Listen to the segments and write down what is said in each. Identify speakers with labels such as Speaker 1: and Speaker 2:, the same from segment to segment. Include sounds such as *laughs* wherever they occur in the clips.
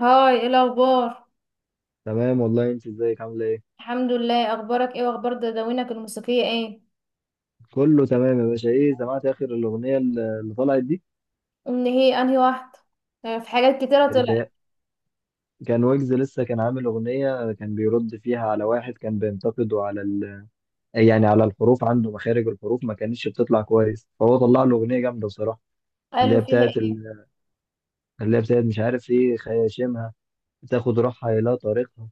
Speaker 1: هاي، ايه الاخبار؟
Speaker 2: تمام والله، انت ازيك، عامله ايه؟
Speaker 1: الحمد لله، اخبارك ايه؟ واخبار دواوينك الموسيقيه ايه؟
Speaker 2: كله تمام يا باشا. ايه، سمعت اخر الاغنيه اللي طلعت دي؟
Speaker 1: ان هي انهي واحده؟ آه، في حاجات كتيره طلعت.
Speaker 2: اللي كان ويجز لسه كان عامل اغنيه، كان بيرد فيها على واحد كان بينتقده على يعني على الحروف، عنده مخارج الحروف ما كانتش بتطلع كويس، فهو طلع له اغنيه جامده بصراحه. اللي هي
Speaker 1: قالوا فيها
Speaker 2: بتاعت
Speaker 1: ايه؟
Speaker 2: ال... اللي هي بتاعت مش عارف ايه، خياشيمها تاخد روحها الى طريقها،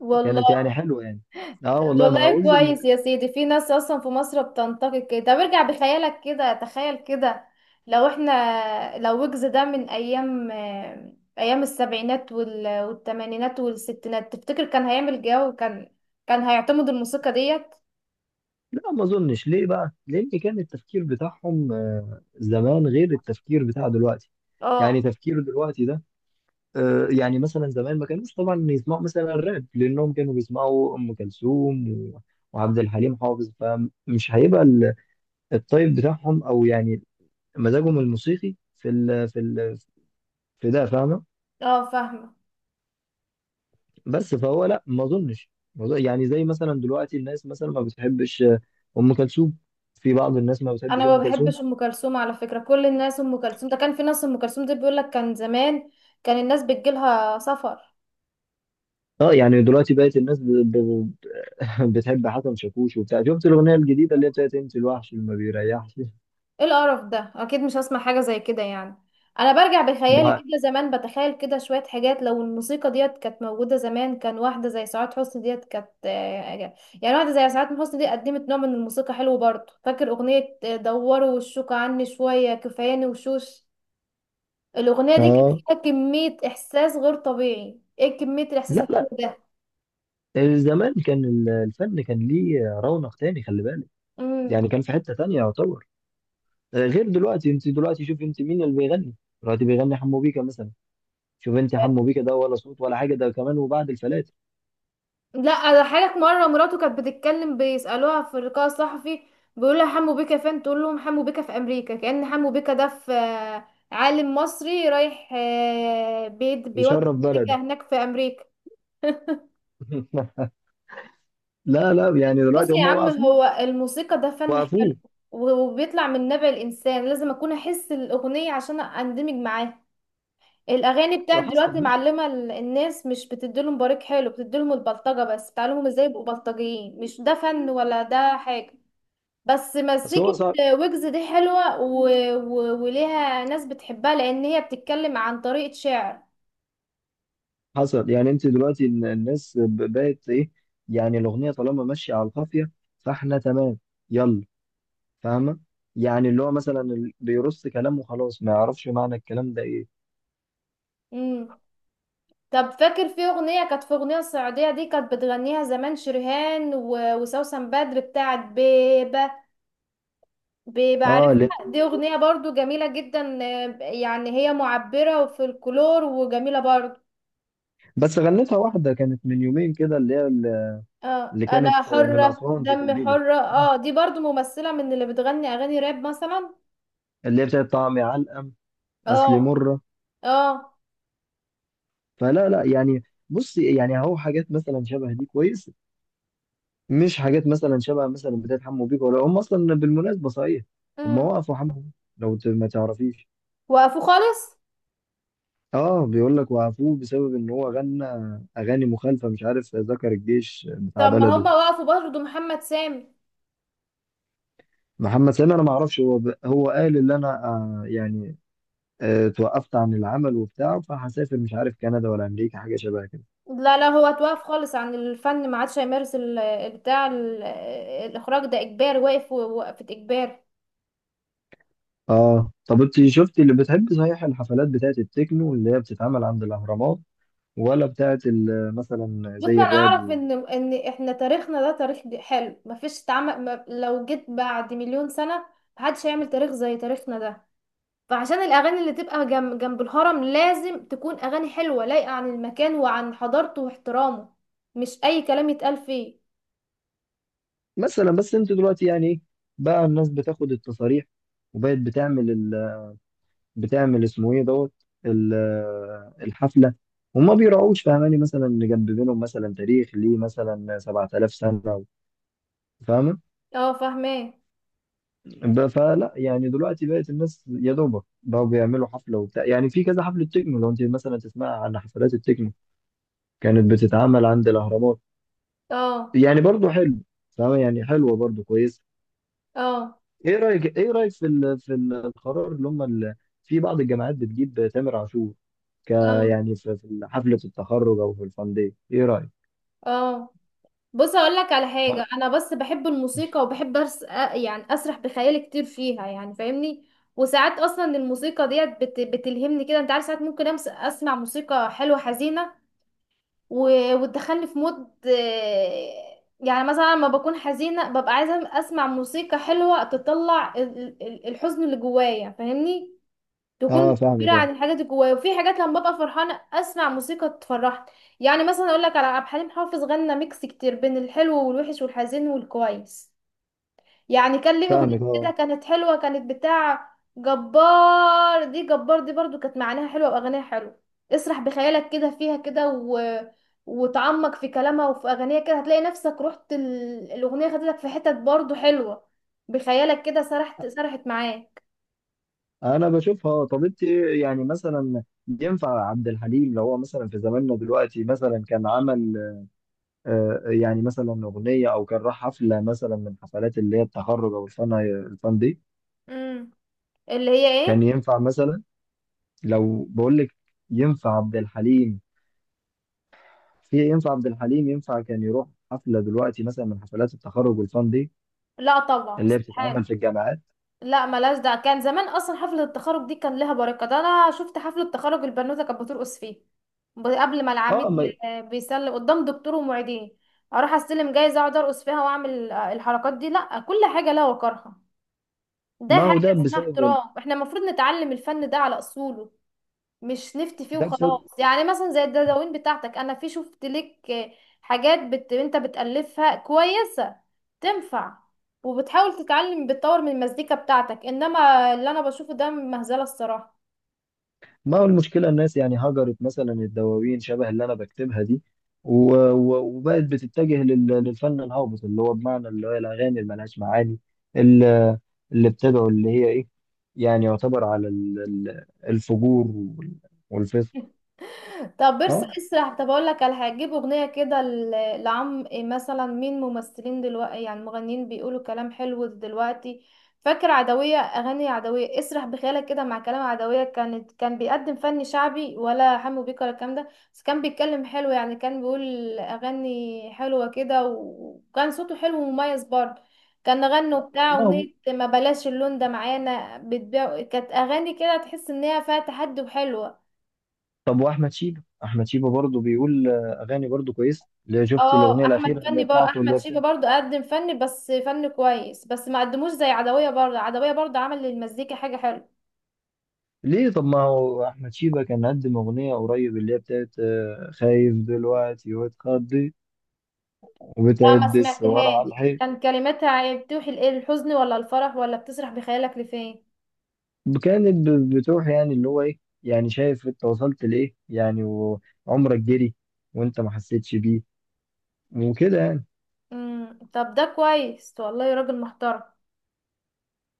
Speaker 1: والله.
Speaker 2: كانت يعني حلوه يعني. اه
Speaker 1: طب
Speaker 2: والله، ما هو
Speaker 1: والله
Speaker 2: ويجز.
Speaker 1: كويس يا سيدي، في ناس اصلا في مصر بتنتقد كده. طب ارجع بخيالك كده، تخيل كده. لو احنا لو ويجز ده من ايام ايام السبعينات والثمانينات والستينات، تفتكر كان هيعمل جو؟ كان هيعتمد الموسيقى ديت؟
Speaker 2: لا ما اظنش، ليه بقى؟ لان كان التفكير بتاعهم زمان غير التفكير بتاع دلوقتي.
Speaker 1: اه،
Speaker 2: يعني تفكير دلوقتي ده يعني مثلا زمان ما كانوش طبعا يسمعوا مثلا الراب، لانهم كانوا بيسمعوا ام كلثوم وعبد الحليم حافظ، فمش هيبقى الطيب بتاعهم او يعني مزاجهم الموسيقي في ال في ده، فاهمه.
Speaker 1: اه، فاهمه.
Speaker 2: بس فهو لا ما اظنش، ما أظن- يعني زي مثلا دلوقتي الناس مثلا ما بتحبش ام كلثوم، في بعض الناس ما
Speaker 1: انا
Speaker 2: بتحبش
Speaker 1: ما
Speaker 2: ام كلثوم.
Speaker 1: بحبش ام كلثوم على فكره. كل الناس ام كلثوم ده، كان في ناس ام كلثوم دي بيقول لك كان زمان، كان الناس بتجيلها سفر.
Speaker 2: اه يعني دلوقتي بقت الناس ب... ب- *laughs* بتحب حسن شاكوش وبتاع. شفت الاغنيه الجديده اللي هي بتاعت انت الوحش اللي ما بيريحش؟
Speaker 1: ايه القرف ده؟ اكيد مش هسمع حاجه زي كده يعني. انا برجع بخيالي
Speaker 2: ما...
Speaker 1: كده زمان، بتخيل كده شويه حاجات، لو الموسيقى ديت كانت موجوده زمان، كان واحده زي سعاد حسني ديت كانت... يعني واحده زي سعاد حسني دي قدمت نوع من الموسيقى حلو برضه. فاكر اغنيه دوروا وشوك عني شويه كفاياني وشوش؟ الاغنيه دي كانت
Speaker 2: اه
Speaker 1: فيها كميه احساس غير طبيعي، ايه كميه الاحساس
Speaker 2: لا
Speaker 1: الحلو
Speaker 2: لا، زمان كان الفن كان ليه رونق تاني، خلي بالك.
Speaker 1: ده!
Speaker 2: يعني كان في حته تانيه يعتبر، غير دلوقتي. انت دلوقتي شوف انت مين اللي بيغني؟ دلوقتي بيغني حمو بيكا مثلا. شوف انت حمو بيكا ده، ولا صوت ولا حاجه ده، كمان وبعد الفلاتر.
Speaker 1: لا، ده حالك مره، مراته كانت بتتكلم بيسالوها في اللقاء الصحفي، بيقول لها حمو بيكا فين، تقول لهم حمو بيكا في امريكا. كأن حمو بيكا ده في عالم مصري رايح بيودي
Speaker 2: يشرف
Speaker 1: موسيقى
Speaker 2: بلده
Speaker 1: هناك في امريكا. *laughs*
Speaker 2: *laughs* لا لا يعني
Speaker 1: بص
Speaker 2: دلوقتي
Speaker 1: يا
Speaker 2: هم
Speaker 1: عم،
Speaker 2: وقفوه،
Speaker 1: هو الموسيقى ده فن حلو،
Speaker 2: وقفوه.
Speaker 1: وبيطلع من نبع الانسان. لازم اكون احس الاغنيه عشان اندمج معاها. الاغاني بتاعت
Speaker 2: حصل
Speaker 1: دلوقتي
Speaker 2: مش،
Speaker 1: معلمه الناس، مش بتديلهم بريق حلو، بتديلهم البلطجه، بس بتعلمهم ازاي يبقوا بلطجيين. مش ده فن ولا ده حاجه، بس
Speaker 2: اصل
Speaker 1: مزيكة.
Speaker 2: هو صعب.
Speaker 1: ويجز دي حلوة و... و... وليها ناس بتحبها، لأن هي بتتكلم عن طريقة شعر.
Speaker 2: حصل يعني، انت دلوقتي الناس بقت ايه، يعني الاغنيه طالما ماشيه على القافيه فاحنا تمام، يلا، فاهمه؟ يعني اللي هو مثلا بيرص كلام وخلاص، ما يعرفش معنى الكلام ده ايه.
Speaker 1: مم. طب فاكر في أغنية الصعيدية دي، كانت بتغنيها زمان شرهان وسوسن بدر، بتاعت بيبة؟ بيبة،
Speaker 2: اه
Speaker 1: عارفها؟
Speaker 2: لا.
Speaker 1: دي أغنية برضو جميلة جدا، يعني هي معبرة وفي الكلور وجميلة برضو.
Speaker 2: بس غنتها واحده كانت من يومين كده اللي هي
Speaker 1: اه،
Speaker 2: اللي كانت
Speaker 1: أنا
Speaker 2: من
Speaker 1: حرة
Speaker 2: اسوان دي
Speaker 1: دمي
Speaker 2: تقريبا.
Speaker 1: حرة.
Speaker 2: اه،
Speaker 1: اه، دي برضو ممثلة من اللي بتغني أغاني راب مثلا.
Speaker 2: اللي هي بتاعت طعمي علقم، اصلي
Speaker 1: اه،
Speaker 2: مره.
Speaker 1: اه،
Speaker 2: فلا لا يعني، بصي يعني اهو حاجات مثلا شبه دي كويس، مش حاجات مثلا شبه مثلا بتاعت حمو بيكا. ولا هم اصلا بالمناسبه صحيح، هم
Speaker 1: مم.
Speaker 2: وقفوا حمو بيكا، لو ما تعرفيش.
Speaker 1: وقفوا خالص.
Speaker 2: اه بيقول لك وقفوه بسبب ان هو غنى اغاني مخالفه، مش عارف ذكر الجيش بتاع
Speaker 1: طب ما
Speaker 2: بلده.
Speaker 1: هما وقفوا برضه محمد سامي.
Speaker 2: محمد سامي انا ما اعرفش، هو هو قال ان انا آه يعني آه توقفت عن العمل وبتاع، فهسافر مش عارف كندا ولا امريكا، حاجه شبه كده.
Speaker 1: لا، لا، هو اتوقف خالص عن الفن، ما عادش هيمارس بتاع الاخراج. ده اجباري، واقف وقفة اجباري.
Speaker 2: اه طب انت شفتي اللي بتحب صحيح؟ الحفلات بتاعت التكنو اللي هي بتتعمل عند الاهرامات، ولا بتاعت مثلا
Speaker 1: بص انا
Speaker 2: زي
Speaker 1: اعرف
Speaker 2: الراب؟
Speaker 1: ان احنا تاريخنا ده تاريخ حلو، مفيش تعمل، ما لو جيت بعد مليون سنة محدش هيعمل تاريخ زي تاريخنا ده. فعشان الاغاني اللي تبقى جنب جنب الهرم لازم تكون اغاني حلوة لايقة عن المكان وعن حضارته واحترامه، مش اي كلام يتقال فيه.
Speaker 2: مثلا بس انت دلوقتي يعني ايه، بقى الناس بتاخد التصاريح وبقت بتعمل بتعمل اسمه ايه دوت ال... الحفله. وما بيراعوش، فاهماني مثلا، ان جنب بينهم مثلا تاريخ ليه مثلا 7000 سنه، فاهمه؟
Speaker 1: اه، فاهماه.
Speaker 2: فلا يعني دلوقتي بقت الناس يا دوبك بقوا بيعملوا حفله وبتاع، يعني في كذا حفله تكنو لو انت مثلا تسمع عن حفلات التكنو كانت بتتعمل عند الاهرامات.
Speaker 1: اه،
Speaker 2: يعني برضو حلو، فاهمه؟ يعني حلوه برضو، كويسه.
Speaker 1: اه،
Speaker 2: ايه رايك، ايه رايك في في القرار اللي هم في بعض الجامعات بتجيب تامر عاشور، ك،
Speaker 1: اه،
Speaker 2: يعني في في حفله التخرج او في الفان داي؟ ايه رايك؟
Speaker 1: اه. بص اقول لك على حاجه، انا بس بحب الموسيقى وبحب يعني اسرح بخيالي كتير فيها، يعني فاهمني. وساعات اصلا الموسيقى ديت بتلهمني كده، انت عارف. ساعات ممكن اسمع موسيقى حلوه حزينه و... وتدخلني في مود، يعني مثلا لما بكون حزينه ببقى عايزه اسمع موسيقى حلوه تطلع الحزن اللي جوايا، فاهمني؟ تكون
Speaker 2: اه
Speaker 1: معبرة
Speaker 2: فاهمك اه،
Speaker 1: عن الحاجات اللي جوايا. وفي حاجات لما ببقى فرحانة اسمع موسيقى تفرحني. يعني مثلا اقول لك على عبد الحليم حافظ، غنى ميكس كتير بين الحلو والوحش والحزين والكويس. يعني كان ليه اغنية
Speaker 2: فاهمك
Speaker 1: كده
Speaker 2: اه.
Speaker 1: كانت حلوة، كانت بتاع جبار دي. جبار دي برضو كانت معناها حلوة واغانيها حلوة. اسرح بخيالك كده فيها كده، و... وتعمق في كلامها وفي اغانيها كده هتلاقي نفسك رحت الاغنية خدتك في حتت برضو حلوة. بخيالك كده سرحت سرحت معاك.
Speaker 2: انا بشوفها آه. طب انت إيه، يعني مثلا ينفع عبد الحليم؟ لو هو مثلا في زماننا دلوقتي مثلا كان عمل آه يعني مثلا اغنيه، او كان راح حفله مثلا من حفلات اللي هي التخرج او الفن الفان دي،
Speaker 1: امم اللي هي
Speaker 2: كان
Speaker 1: ايه؟
Speaker 2: ينفع مثلا؟ لو بقول لك ينفع عبد الحليم في، ينفع عبد الحليم ينفع كان يروح حفلة دلوقتي مثلا من حفلات التخرج والفان دي
Speaker 1: لا، طبعا،
Speaker 2: اللي هي
Speaker 1: استحالة.
Speaker 2: بتتعمل في الجامعات؟
Speaker 1: لا، ملاش، ده كان زمان اصلا. حفلة التخرج دي كان لها بركة. ده انا شفت حفلة تخرج البنوتة كانت بترقص فيه، قبل ما
Speaker 2: اه
Speaker 1: العميد
Speaker 2: ما.
Speaker 1: بيسلم قدام دكتور ومعيدين، اروح استلم جايزة اقعد ارقص فيها واعمل الحركات دي. لا، كل حاجة لها وقرها. ده
Speaker 2: ما هو ده
Speaker 1: حاجة اسمها
Speaker 2: بسبب
Speaker 1: احترام. احنا المفروض نتعلم الفن ده على اصوله، مش نفتي فيه
Speaker 2: ده
Speaker 1: وخلاص.
Speaker 2: بسبب.
Speaker 1: يعني مثلا زي الدواوين بتاعتك، انا في شفت لك حاجات انت بتألفها كويسة، تنفع، وبتحاول تتعلم، بتطور من المزيكا بتاعتك. انما اللي انا بشوفه ده مهزلة الصراحة.
Speaker 2: ما هو المشكلة الناس يعني هجرت مثلا الدواوين شبه اللي انا بكتبها دي وبقت بتتجه للفن الهابط، اللي هو بمعنى اللي هي الاغاني اللي ملهاش معاني، اللي اللي بتدعو اللي هي ايه، يعني يعتبر على الفجور والفسق.
Speaker 1: طب برسى
Speaker 2: اه
Speaker 1: اسرح، طب اقول لك على حاجه، جيب اغنيه كده لعم إيه مثلا، مين ممثلين دلوقتي، يعني مغنيين بيقولوا كلام حلو دلوقتي؟ فاكر عدويه؟ اغاني عدويه اسرح بخيالك كده مع كلام عدويه. كان بيقدم فن شعبي، ولا حمو بيكا ولا الكلام ده. بس كان بيتكلم حلو، يعني كان بيقول اغاني حلوه كده، وكان صوته حلو ومميز برضه. كان غنوا بتاع
Speaker 2: ما هو.
Speaker 1: اغنيه ما بلاش اللون ده معانا بتبيع، كانت اغاني كده تحس ان هي فيها تحدي وحلوه.
Speaker 2: طب واحمد شيبه، احمد شيبه برضه بيقول اغاني برضه كويسه. اللي شفت
Speaker 1: اه،
Speaker 2: الاغنيه
Speaker 1: احمد
Speaker 2: الاخيره اللي
Speaker 1: فني
Speaker 2: هي
Speaker 1: بقى.
Speaker 2: بتاعته اللي
Speaker 1: احمد
Speaker 2: هي
Speaker 1: شيبه
Speaker 2: بتاعته.
Speaker 1: برضو قدم فن، بس فن كويس، بس ما قدموش زي عدويه. برضو عدويه برضو عمل للمزيكا حاجه حلوه.
Speaker 2: ليه؟ طب ما هو احمد شيبه كان قدم اغنيه قريب اللي هي بتاعت خايف دلوقتي واتخضي
Speaker 1: لا، ما
Speaker 2: وبتعد السوار
Speaker 1: سمعتهاش.
Speaker 2: على الحيط.
Speaker 1: كان كلماتها بتوحي الايه؟ الحزن ولا الفرح؟ ولا بتسرح بخيالك لفين؟
Speaker 2: كانت بتروح يعني اللي هو ايه، يعني شايف انت وصلت لايه يعني، وعمرك جري وانت ما حسيتش بيه وكده يعني.
Speaker 1: طب ده كويس والله يا راجل محترم.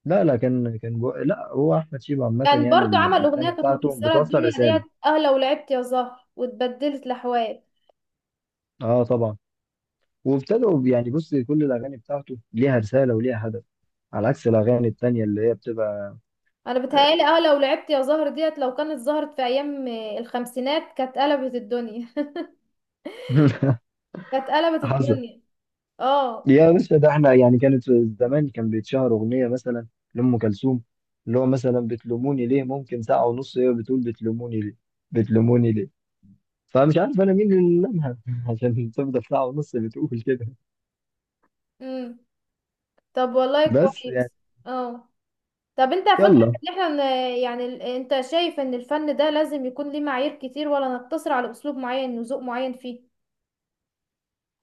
Speaker 2: لا لا كان كان لا هو احمد شيبه عامه
Speaker 1: كان
Speaker 2: يعني
Speaker 1: برضو عمل اغنيه
Speaker 2: الاغاني
Speaker 1: كانت
Speaker 2: بتاعته
Speaker 1: مكسره
Speaker 2: بتوصل
Speaker 1: الدنيا ديت،
Speaker 2: رساله.
Speaker 1: اه، لو لعبت يا زهر واتبدلت الاحوال.
Speaker 2: اه طبعا. وابتدوا يعني بص، كل الاغاني بتاعته ليها رساله وليها هدف، على عكس الاغاني التانيه اللي هي بتبقى
Speaker 1: انا بتهيالي اه لو لعبت يا زهر ديت لو كانت ظهرت في ايام الخمسينات، كانت قلبت الدنيا. *laughs*
Speaker 2: *laughs*
Speaker 1: كانت قلبت
Speaker 2: حصل.
Speaker 1: الدنيا. اه.
Speaker 2: يا باشا ده احنا يعني كانت في زمان كان بيتشهر اغنيه مثلا لام كلثوم، اللي هو مثلا بتلوموني ليه، ممكن ساعة ونص هي بتقول بتلوموني ليه، بتلوموني ليه، فمش عارف انا مين اللي لمها *laughs* عشان تفضل ساعه ونص بتقول كده.
Speaker 1: امم طب والله
Speaker 2: بس يعني.
Speaker 1: كويس. اه. طب انت فاكر
Speaker 2: يلا.
Speaker 1: ان احنا يعني انت شايف ان الفن ده لازم يكون ليه معايير كتير، ولا نقتصر على اسلوب معين وذوق معين فيه؟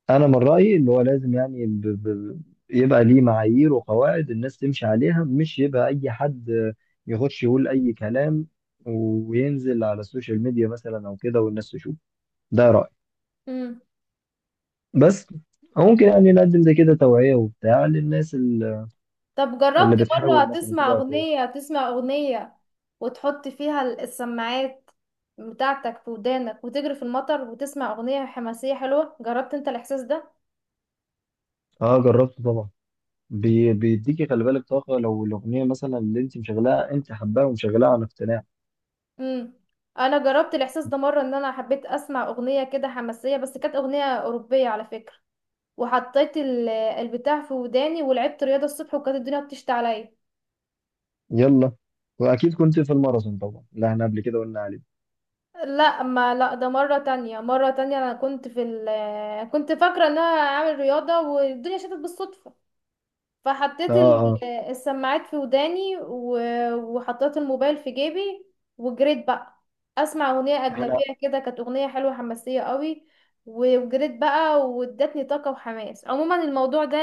Speaker 2: انا من رايي اللي هو لازم يعني يبقى ليه معايير وقواعد الناس تمشي عليها، مش يبقى اي حد يخش يقول اي كلام وينزل على السوشيال ميديا مثلا او كده والناس تشوف، ده رايي.
Speaker 1: امم
Speaker 2: بس ممكن يعني نقدم زي كده توعيه وبتاع للناس
Speaker 1: طب جربت
Speaker 2: اللي
Speaker 1: مرة
Speaker 2: بتحاول مثلا
Speaker 1: تسمع
Speaker 2: تبقى كويسه.
Speaker 1: اغنية، وتحط فيها السماعات بتاعتك في ودانك، وتجري في المطر، وتسمع اغنية حماسية حلوة؟ جربت انت الاحساس ده؟
Speaker 2: اه جربته طبعا. بيديكي خلي بالك طاقه، لو الاغنيه مثلا اللي انت مشغلاها انت حباها ومشغلاها عن اقتناع.
Speaker 1: امم انا جربت الاحساس ده مرة ان انا حبيت اسمع اغنية كده حماسية، بس كانت اغنية اوروبية على فكرة. وحطيت البتاع في وداني ولعبت رياضة الصبح، وكانت الدنيا بتشتي عليا.
Speaker 2: يلا، واكيد كنت في الماراثون طبعا اللي احنا قبل كده قلنا عليه.
Speaker 1: لا، ده مرة تانية، مرة تانية انا كنت في ال كنت فاكرة ان انا هعمل رياضة والدنيا شتت بالصدفة، فحطيت
Speaker 2: اه اه
Speaker 1: السماعات في وداني، وحطيت الموبايل في جيبي، وجريت بقى اسمع اغنيه
Speaker 2: يعني.
Speaker 1: اجنبيه كده، كانت اغنيه حلوه حماسيه قوي. وجريت بقى وادتني طاقه وحماس. عموما الموضوع ده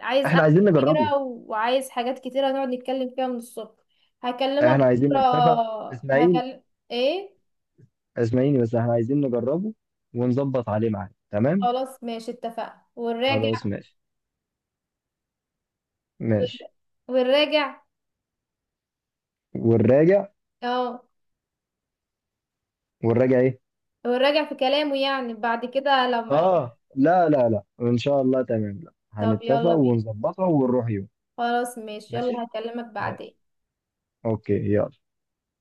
Speaker 1: عايز
Speaker 2: احنا
Speaker 1: قعدة
Speaker 2: عايزين نجربه،
Speaker 1: كتيره، وعايز حاجات كتيره نقعد نتكلم فيها من الصبح. هكلمك
Speaker 2: احنا عايزين
Speaker 1: بكره.
Speaker 2: نتفق. اسماعيل،
Speaker 1: ايه؟
Speaker 2: اسمعيني بس، احنا عايزين نجربه ونظبط عليه معاك، تمام؟
Speaker 1: خلاص ماشي، اتفقنا
Speaker 2: خلاص
Speaker 1: والراجع.
Speaker 2: ماشي، ماشي.
Speaker 1: والراجع.
Speaker 2: والراجع.
Speaker 1: اه،
Speaker 2: والراجع ايه؟
Speaker 1: والراجع في كلامه يعني بعد كده لما...
Speaker 2: اه لا لا لا ان شاء الله تمام، لا
Speaker 1: طب
Speaker 2: هنتفق
Speaker 1: يلا بينا،
Speaker 2: ونظبطها ونروح يوم.
Speaker 1: خلاص ماشي، يلا
Speaker 2: ماشي
Speaker 1: هكلمك بعدين.
Speaker 2: ماشي، اوكي يلا.